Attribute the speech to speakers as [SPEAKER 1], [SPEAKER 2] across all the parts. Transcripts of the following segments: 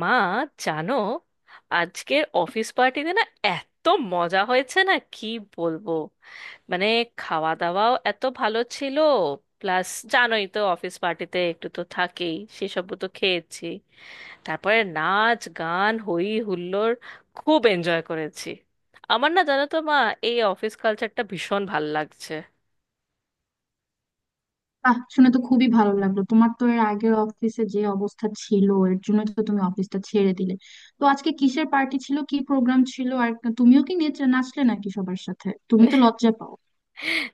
[SPEAKER 1] মা, জানো আজকের অফিস পার্টিতে না এত মজা হয়েছে না কি বলবো। মানে খাওয়া দাওয়াও এত ভালো ছিল, প্লাস জানোই তো অফিস পার্টিতে একটু তো থাকেই, সেসব তো খেয়েছি। তারপরে নাচ গান হই হুল্লোড়, খুব এনজয় করেছি। আমার না জানো তো মা, এই অফিস কালচারটা ভীষণ ভাল লাগছে।
[SPEAKER 2] বাহ, শুনে তো খুবই ভালো লাগলো। তোমার তো এর আগের অফিসে যে অবস্থা ছিল, এর জন্য তো তুমি অফিসটা ছেড়ে দিলে। তো আজকে কিসের পার্টি ছিল, কি প্রোগ্রাম ছিল আর তুমিও কি নেচে নাচলে নাকি সবার সাথে? তুমি তো লজ্জা পাও।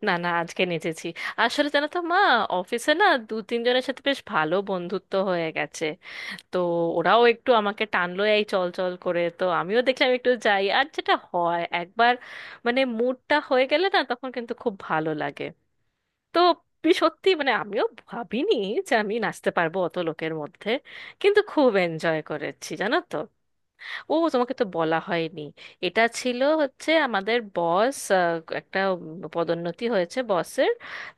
[SPEAKER 1] না না, আজকে নেচেছি। আসলে জানো তো মা, অফিসে না 2-3 জনের সাথে বেশ ভালো বন্ধুত্ব হয়ে গেছে। তো ওরাও একটু আমাকে টানলো এই চল চল করে, তো আমিও দেখলাম একটু যাই। আর যেটা হয়, একবার মানে মুডটা হয়ে গেলে না, তখন কিন্তু খুব ভালো লাগে। তো সত্যি মানে আমিও ভাবিনি যে আমি নাচতে পারবো অত লোকের মধ্যে। কিন্তু খুব এনজয় করেছি জানো তো। ও, তোমাকে তো বলা হয়নি, এটা ছিল হচ্ছে আমাদের বস, একটা পদোন্নতি হয়েছে বসের।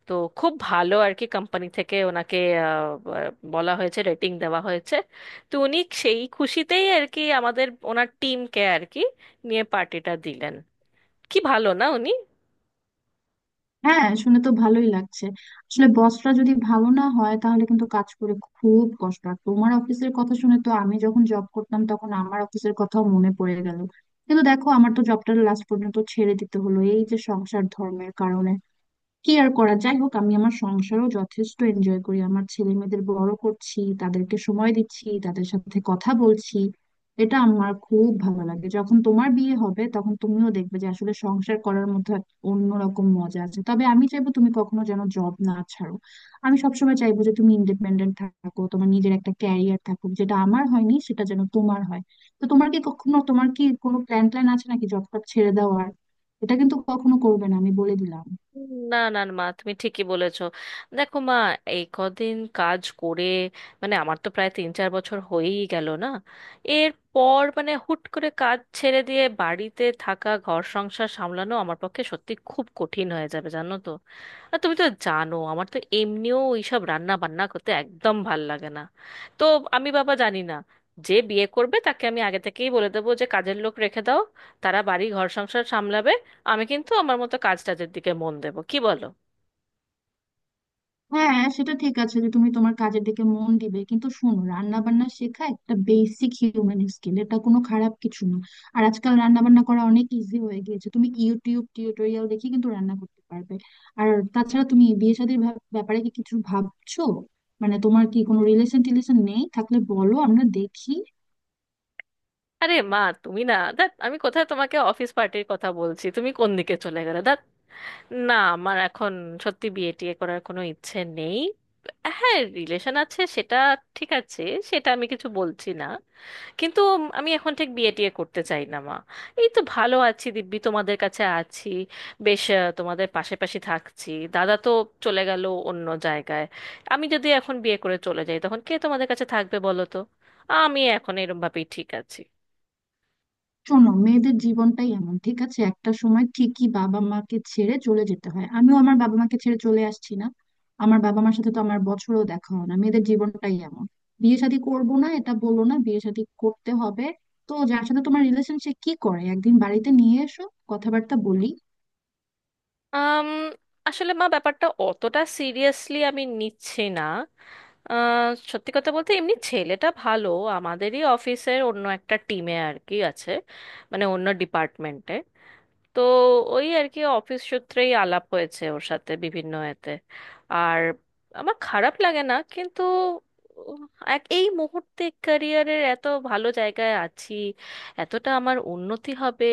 [SPEAKER 1] তো খুব ভালো আর কি, কোম্পানি থেকে ওনাকে বলা হয়েছে, রেটিং দেওয়া হয়েছে। তো উনি সেই খুশিতেই আর কি আমাদের ওনার টিমকে আর কি নিয়ে পার্টিটা দিলেন। কি ভালো না উনি?
[SPEAKER 2] হ্যাঁ, শুনে তো ভালোই লাগছে। আসলে বসরা যদি ভালো না হয় তাহলে কিন্তু কাজ করে খুব কষ্ট। আর তোমার অফিসের কথা শুনে তো আমি যখন জব করতাম তখন আমার অফিসের কথাও মনে পড়ে গেল। কিন্তু দেখো, আমার তো জবটা লাস্ট পর্যন্ত ছেড়ে দিতে হলো এই যে সংসার ধর্মের কারণে। কি আর করা, যাই হোক আমি আমার সংসারও যথেষ্ট এনজয় করি, আমার ছেলে মেয়েদের বড় করছি, তাদেরকে সময় দিচ্ছি, তাদের সাথে কথা বলছি। এটা আমার খুব ভালো লাগে। যখন তোমার বিয়ে হবে তখন তুমিও দেখবে যে আসলে সংসার করার মধ্যে এক অন্যরকম মজা আছে। তবে আমি চাইবো তুমি কখনো যেন জব না ছাড়ো। আমি সবসময় চাইবো যে তুমি ইন্ডিপেন্ডেন্ট থাকো, তোমার নিজের একটা ক্যারিয়ার থাকুক। যেটা আমার হয়নি সেটা যেন তোমার হয়। তো তোমার কি কোনো প্ল্যান ট্যান আছে নাকি জব টব ছেড়ে দেওয়ার? এটা কিন্তু কখনো করবে না, আমি বলে দিলাম।
[SPEAKER 1] না না না, মা তুমি ঠিকই বলেছো। দেখো মা, এই কদিন কাজ করে মানে আমার তো প্রায় 3-4 বছর হয়েই গেল না, এরপর মানে হুট করে কাজ ছেড়ে দিয়ে বাড়িতে থাকা ঘর সংসার সামলানো আমার পক্ষে সত্যি খুব কঠিন হয়ে যাবে জানো তো। আর তুমি তো জানো আমার তো এমনিও এইসব রান্না বান্না করতে একদম ভাল লাগে না। তো আমি বাবা জানি না, যে বিয়ে করবে তাকে আমি আগে থেকেই বলে দেবো যে কাজের লোক রেখে দাও, তারা বাড়ি ঘর সংসার সামলাবে, আমি কিন্তু আমার মতো কাজ টাজের দিকে মন দেব, কি বলো?
[SPEAKER 2] হ্যাঁ, সেটা ঠিক আছে যে তুমি তোমার কাজের দিকে মন দিবে, কিন্তু শোনো, রান্না বান্না শেখা একটা বেসিক হিউম্যান স্কিল, এটা কোনো খারাপ কিছু না। আর আজকাল রান্না বান্না করা অনেক ইজি হয়ে গিয়েছে, তুমি ইউটিউব টিউটোরিয়াল দেখে কিন্তু রান্না করতে পারবে। আর তাছাড়া তুমি বিয়ে শাদীর ব্যাপারে কি কিছু ভাবছো? মানে তোমার কি কোনো রিলেশন টিলেশন নেই? থাকলে বলো, আমরা দেখি।
[SPEAKER 1] আরে মা তুমি না, দেখ আমি কোথায় তোমাকে অফিস পার্টির কথা বলছি, তুমি কোন দিকে চলে গেলে দেখ। না, আমার এখন সত্যি বিয়ে টিয়ে করার কোনো ইচ্ছে নেই। হ্যাঁ, রিলেশন আছে সেটা ঠিক আছে, সেটা আমি কিছু বলছি না, কিন্তু আমি এখন ঠিক বিয়ে টিয়ে করতে চাই না মা। এই তো ভালো আছি, দিব্যি তোমাদের কাছে আছি, বেশ তোমাদের পাশে পাশে থাকছি। দাদা তো চলে গেল অন্য জায়গায়, আমি যদি এখন বিয়ে করে চলে যাই তখন কে তোমাদের কাছে থাকবে বলো তো? আমি এখন এরম ভাবেই ঠিক আছি।
[SPEAKER 2] শোনো, মেয়েদের জীবনটাই এমন, ঠিক আছে? একটা সময় ঠিকই বাবা মাকে ছেড়ে চলে যেতে হয়, আমিও আমার বাবা মাকে ছেড়ে চলে আসছি না? আমার বাবা মার সাথে তো আমার বছরও দেখা হয় না, মেয়েদের জীবনটাই এমন। বিয়ে শাদী করবো না এটা বলো না, বিয়ে শাদী করতে হবে। তো যার সাথে তোমার রিলেশন সে কি করে? একদিন বাড়িতে নিয়ে এসো, কথাবার্তা বলি।
[SPEAKER 1] আম, আসলে মা, ব্যাপারটা অতটা সিরিয়াসলি আমি নিচ্ছি না। সত্যি কথা বলতে এমনি ছেলেটা ভালো, আমাদেরই অফিসের অন্য একটা টিমে আর কি আছে, মানে অন্য ডিপার্টমেন্টে। তো ওই আর কি অফিস সূত্রেই আলাপ হয়েছে ওর সাথে বিভিন্ন এতে। আর আমার খারাপ লাগে না কিন্তু উম, এক এই মুহূর্তে ক্যারিয়ারের এত ভালো জায়গায় আছি, এতটা আমার উন্নতি হবে,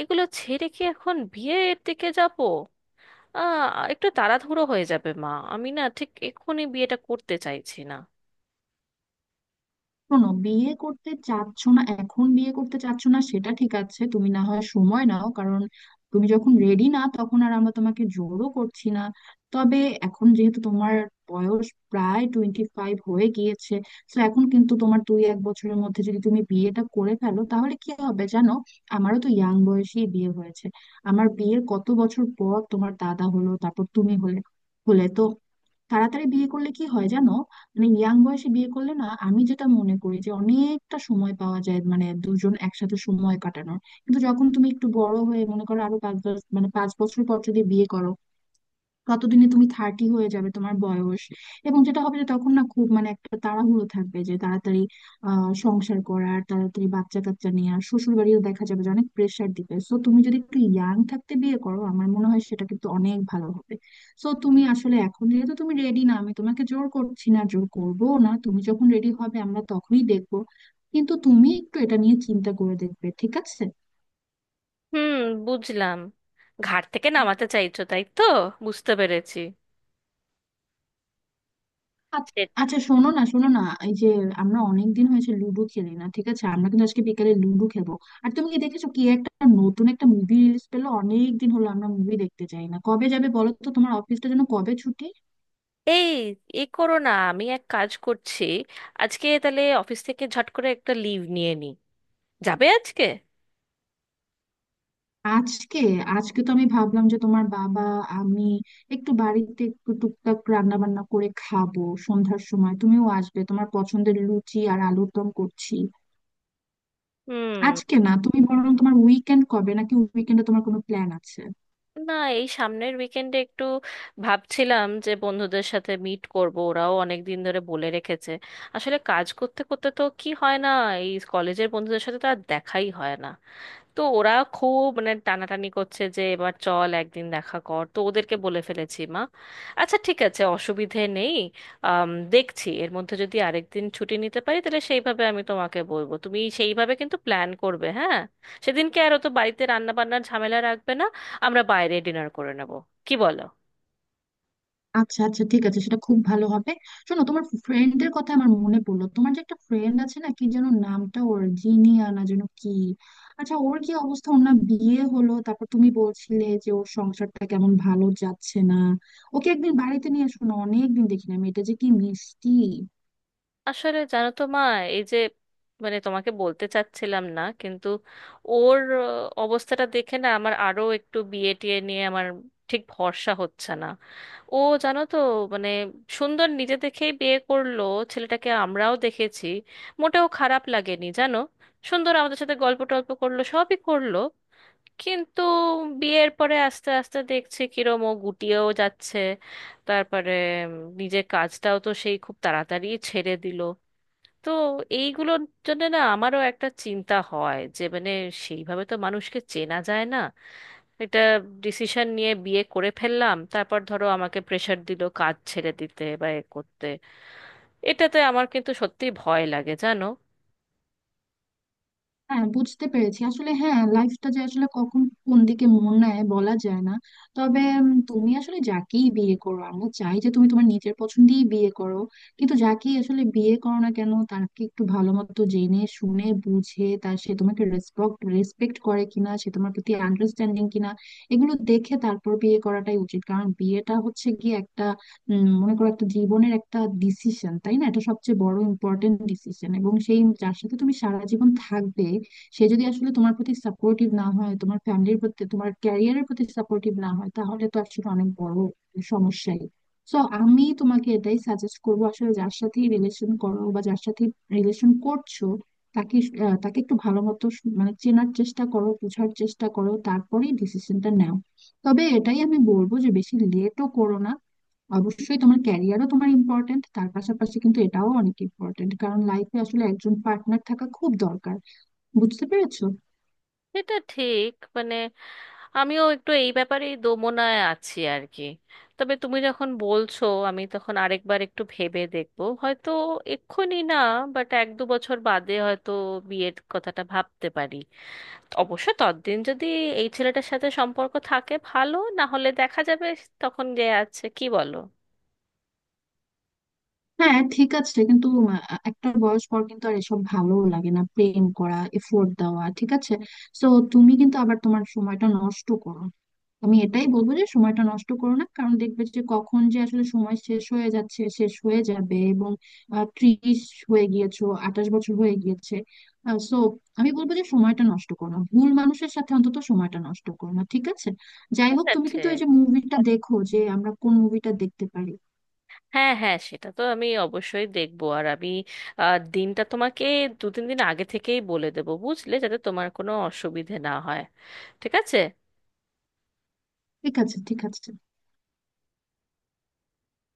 [SPEAKER 1] এগুলো ছেড়ে কি এখন বিয়ের দিকে যাব? আহ একটু তাড়াহুড়ো হয়ে যাবে মা, আমি না ঠিক এক্ষুনি বিয়েটা করতে চাইছি না।
[SPEAKER 2] শোনো, বিয়ে করতে চাচ্ছ না, এখন বিয়ে করতে চাচ্ছ না সেটা ঠিক আছে, তুমি না হয় সময় নাও। কারণ তুমি যখন রেডি না তখন আর আমরা তোমাকে জোরও করছি না। তবে এখন যেহেতু তোমার বয়স প্রায় 25 হয়ে গিয়েছে, তো এখন কিন্তু তোমার 1-2 বছরের মধ্যে যদি তুমি বিয়েটা করে ফেলো তাহলে কি হবে জানো? আমারও তো ইয়াং বয়সেই বিয়ে হয়েছে। আমার বিয়ের কত বছর পর তোমার দাদা হলো, তারপর তুমি হলে। হলে তো তাড়াতাড়ি বিয়ে করলে কি হয় জানো? মানে ইয়াং বয়সে বিয়ে করলে না, আমি যেটা মনে করি যে অনেকটা সময় পাওয়া যায়, মানে দুজন একসাথে সময় কাটানোর। কিন্তু যখন তুমি একটু বড় হয়ে, মনে করো আরো পাঁচ দশ মানে 5 বছর পর যদি বিয়ে করো, কতদিনে তুমি 30 হয়ে যাবে তোমার বয়স। এবং যেটা হবে যে তখন না খুব, মানে একটা তাড়াহুড়ো থাকবে যে তাড়াতাড়ি, সংসার করার, তাড়াতাড়ি বাচ্চা কাচ্চা নেওয়ার। শ্বশুর বাড়িও দেখা যাবে যে অনেক প্রেশার দিবে। সো তুমি যদি একটু ইয়াং থাকতে বিয়ে করো, আমার মনে হয় সেটা কিন্তু অনেক ভালো হবে। সো তুমি আসলে, এখন যেহেতু তুমি রেডি না, আমি তোমাকে জোর করছি না, জোর করবো না, তুমি যখন রেডি হবে আমরা তখনই দেখবো। কিন্তু তুমি একটু এটা নিয়ে চিন্তা করে দেখবে, ঠিক আছে?
[SPEAKER 1] হুম, বুঝলাম, ঘাট থেকে নামাতে চাইছো তাই তো? বুঝতে পেরেছি।
[SPEAKER 2] আ- আচ্ছা, শোনো না, এই যে আমরা অনেক দিন হয়েছে লুডো খেলি না, ঠিক আছে? আমরা কিন্তু আজকে বিকালে লুডো খেলবো। আর তুমি কি দেখেছো কি একটা, নতুন একটা মুভি রিলিজ পেলো? অনেক দিন হলো আমরা মুভি দেখতে যাই না। কবে যাবে বলো তো, তোমার অফিসটা যেন কবে ছুটি?
[SPEAKER 1] এই, এ করো না, আমি এক কাজ করছি, আজকে তাহলে অফিস থেকে ঝট করে একটা লিভ নিয়ে নিই, যাবে আজকে?
[SPEAKER 2] আজকে? আজকে তো আমি ভাবলাম যে তোমার বাবা, আমি একটু বাড়িতে একটু টুকটাক রান্না বান্না করে খাবো, সন্ধ্যার সময় তুমিও আসবে, তোমার পছন্দের লুচি আর আলুর দম করছি।
[SPEAKER 1] হুম।
[SPEAKER 2] আজকে না, তুমি বরং তোমার উইকেন্ড কবে, নাকি উইকেন্ডে তোমার কোনো প্ল্যান আছে?
[SPEAKER 1] না, এই সামনের উইকেন্ডে একটু ভাবছিলাম যে বন্ধুদের সাথে মিট করব, ওরাও অনেক দিন ধরে বলে রেখেছে। আসলে কাজ করতে করতে তো কি হয় না, এই কলেজের বন্ধুদের সাথে তো আর দেখাই হয় না। তো ওরা খুব মানে টানাটানি করছে যে এবার চল একদিন দেখা কর, তো ওদেরকে বলে ফেলেছি মা। আচ্ছা ঠিক আছে, অসুবিধে নেই। দেখছি এর মধ্যে যদি আরেকদিন ছুটি নিতে পারি, তাহলে সেইভাবে আমি তোমাকে বলবো, তুমি সেইভাবে কিন্তু প্ল্যান করবে হ্যাঁ। সেদিনকে আর অত বাড়িতে রান্না বান্নার ঝামেলা রাখবে না, আমরা বাইরে ডিনার করে নেব, কি বলো?
[SPEAKER 2] আচ্ছা আচ্ছা, ঠিক আছে, সেটা খুব ভালো হবে। শোনো, তোমার ফ্রেন্ডের কথা আমার মনে পড়লো। তোমার যে একটা ফ্রেন্ড আছে না, কি যেন নামটা ওর, জিনিয়া না যেন কি? আচ্ছা ওর কি অবস্থা? ওর না বিয়ে হলো, তারপর তুমি বলছিলে যে ওর সংসারটা কেমন ভালো যাচ্ছে না। ওকে একদিন বাড়িতে নিয়ে আসো না, অনেকদিন দেখি না, মেয়েটা যে কি মিষ্টি।
[SPEAKER 1] আসলে জানো তো মা, এই যে মানে তোমাকে বলতে চাচ্ছিলাম না কিন্তু ওর অবস্থাটা দেখে না আমার আরো একটু বিয়ে টিয়ে নিয়ে আমার ঠিক ভরসা হচ্ছে না। ও জানো তো মানে সুন্দর নিজে দেখেই বিয়ে করলো, ছেলেটাকে আমরাও দেখেছি, মোটেও খারাপ লাগেনি জানো। সুন্দর আমাদের সাথে গল্প টল্প করলো, সবই করলো। কিন্তু বিয়ের পরে আস্তে আস্তে দেখছি কিরম ও গুটিয়েও যাচ্ছে। তারপরে উম, নিজের কাজটাও তো সেই খুব তাড়াতাড়ি ছেড়ে দিল। তো এইগুলোর জন্য না আমারও একটা চিন্তা হয় যে মানে সেইভাবে তো মানুষকে চেনা যায় না, একটা ডিসিশন নিয়ে বিয়ে করে ফেললাম, তারপর ধরো আমাকে প্রেশার দিল কাজ ছেড়ে দিতে বা এ করতে, এটাতে আমার কিন্তু সত্যি ভয় লাগে জানো।
[SPEAKER 2] হ্যাঁ, বুঝতে পেরেছি। আসলে হ্যাঁ, লাইফটা যে আসলে কখন কোন দিকে মোড় নেয় বলা যায় না। তবে তুমি আসলে যাকেই বিয়ে করো, আমরা চাই যে তুমি তোমার নিজের পছন্দেই বিয়ে করো। কিন্তু যাকেই আসলে বিয়ে করো না কেন, তাকে একটু ভালো মতো জেনে শুনে বুঝে, তার, সে তোমাকে রেসপেক্ট রেসপেক্ট করে কিনা, সে তোমার প্রতি আন্ডারস্ট্যান্ডিং কিনা, এগুলো দেখে তারপর বিয়ে করাটাই উচিত। কারণ বিয়েটা হচ্ছে গিয়ে একটা, মনে করো একটা জীবনের একটা ডিসিশন, তাই না? এটা সবচেয়ে বড় ইম্পর্টেন্ট ডিসিশন, এবং সেই যার সাথে তুমি সারা জীবন থাকবে, সে যদি আসলে তোমার প্রতি সাপোর্টিভ না হয়, তোমার ফ্যামিলির প্রতি, তোমার ক্যারিয়ারের প্রতি সাপোর্টিভ না হয়, তাহলে তো আসলে অনেক বড় সমস্যাই। সো আমি তোমাকে এটাই সাজেস্ট করবো, আসলে যার সাথে রিলেশন করো বা যার সাথে রিলেশন করছো, তাকে তাকে একটু ভালো মতো মানে চেনার চেষ্টা করো, বোঝার চেষ্টা করো, তারপরেই ডিসিশনটা নাও। তবে এটাই আমি বলবো যে বেশি লেটও করো না। অবশ্যই তোমার ক্যারিয়ারও তোমার ইম্পর্টেন্ট, তার পাশাপাশি কিন্তু এটাও অনেক ইম্পর্টেন্ট, কারণ লাইফে আসলে একজন পার্টনার থাকা খুব দরকার। বুঝতে পেরেছো?
[SPEAKER 1] এটা ঠিক মানে আমিও একটু এই ব্যাপারেই দোমনায় আছি আর কি। তবে তুমি যখন বলছো আমি তখন আরেকবার একটু ভেবে দেখবো, হয়তো এক্ষুনি না, বাট 1-2 বছর বাদে হয়তো বিয়ের কথাটা ভাবতে পারি। অবশ্য ততদিন যদি এই ছেলেটার সাথে সম্পর্ক থাকে, ভালো না হলে দেখা যাবে তখন যে আছে, কি বলো?
[SPEAKER 2] হ্যাঁ ঠিক আছে, কিন্তু একটা বয়স পর কিন্তু আর এসব ভালো লাগে না, প্রেম করা, এফোর্ট দেওয়া, ঠিক আছে? তো তুমি কিন্তু আবার তোমার সময়টা নষ্ট করো। আমি এটাই বলবো যে সময়টা নষ্ট করো না, কারণ দেখবে যে কখন যে আসলে সময় শেষ হয়ে যাচ্ছে, শেষ হয়ে যাবে এবং 30 হয়ে গিয়েছো, 28 বছর হয়ে গিয়েছে। সো আমি বলবো যে সময়টা নষ্ট করো না, ভুল মানুষের সাথে অন্তত সময়টা নষ্ট করো না, ঠিক আছে? যাই হোক,
[SPEAKER 1] সেটা
[SPEAKER 2] তুমি কিন্তু এই
[SPEAKER 1] ঠিক।
[SPEAKER 2] যে মুভিটা দেখো যে আমরা কোন মুভিটা দেখতে পারি।
[SPEAKER 1] হ্যাঁ হ্যাঁ, সেটা তো আমি অবশ্যই দেখবো। আর আমি দিনটা তোমাকে 2-3 দিন আগে থেকেই বলে দেবো বুঝলে, যাতে তোমার কোনো অসুবিধে না হয়। ঠিক আছে।
[SPEAKER 2] ঠিক আছে, ঠিক আছে।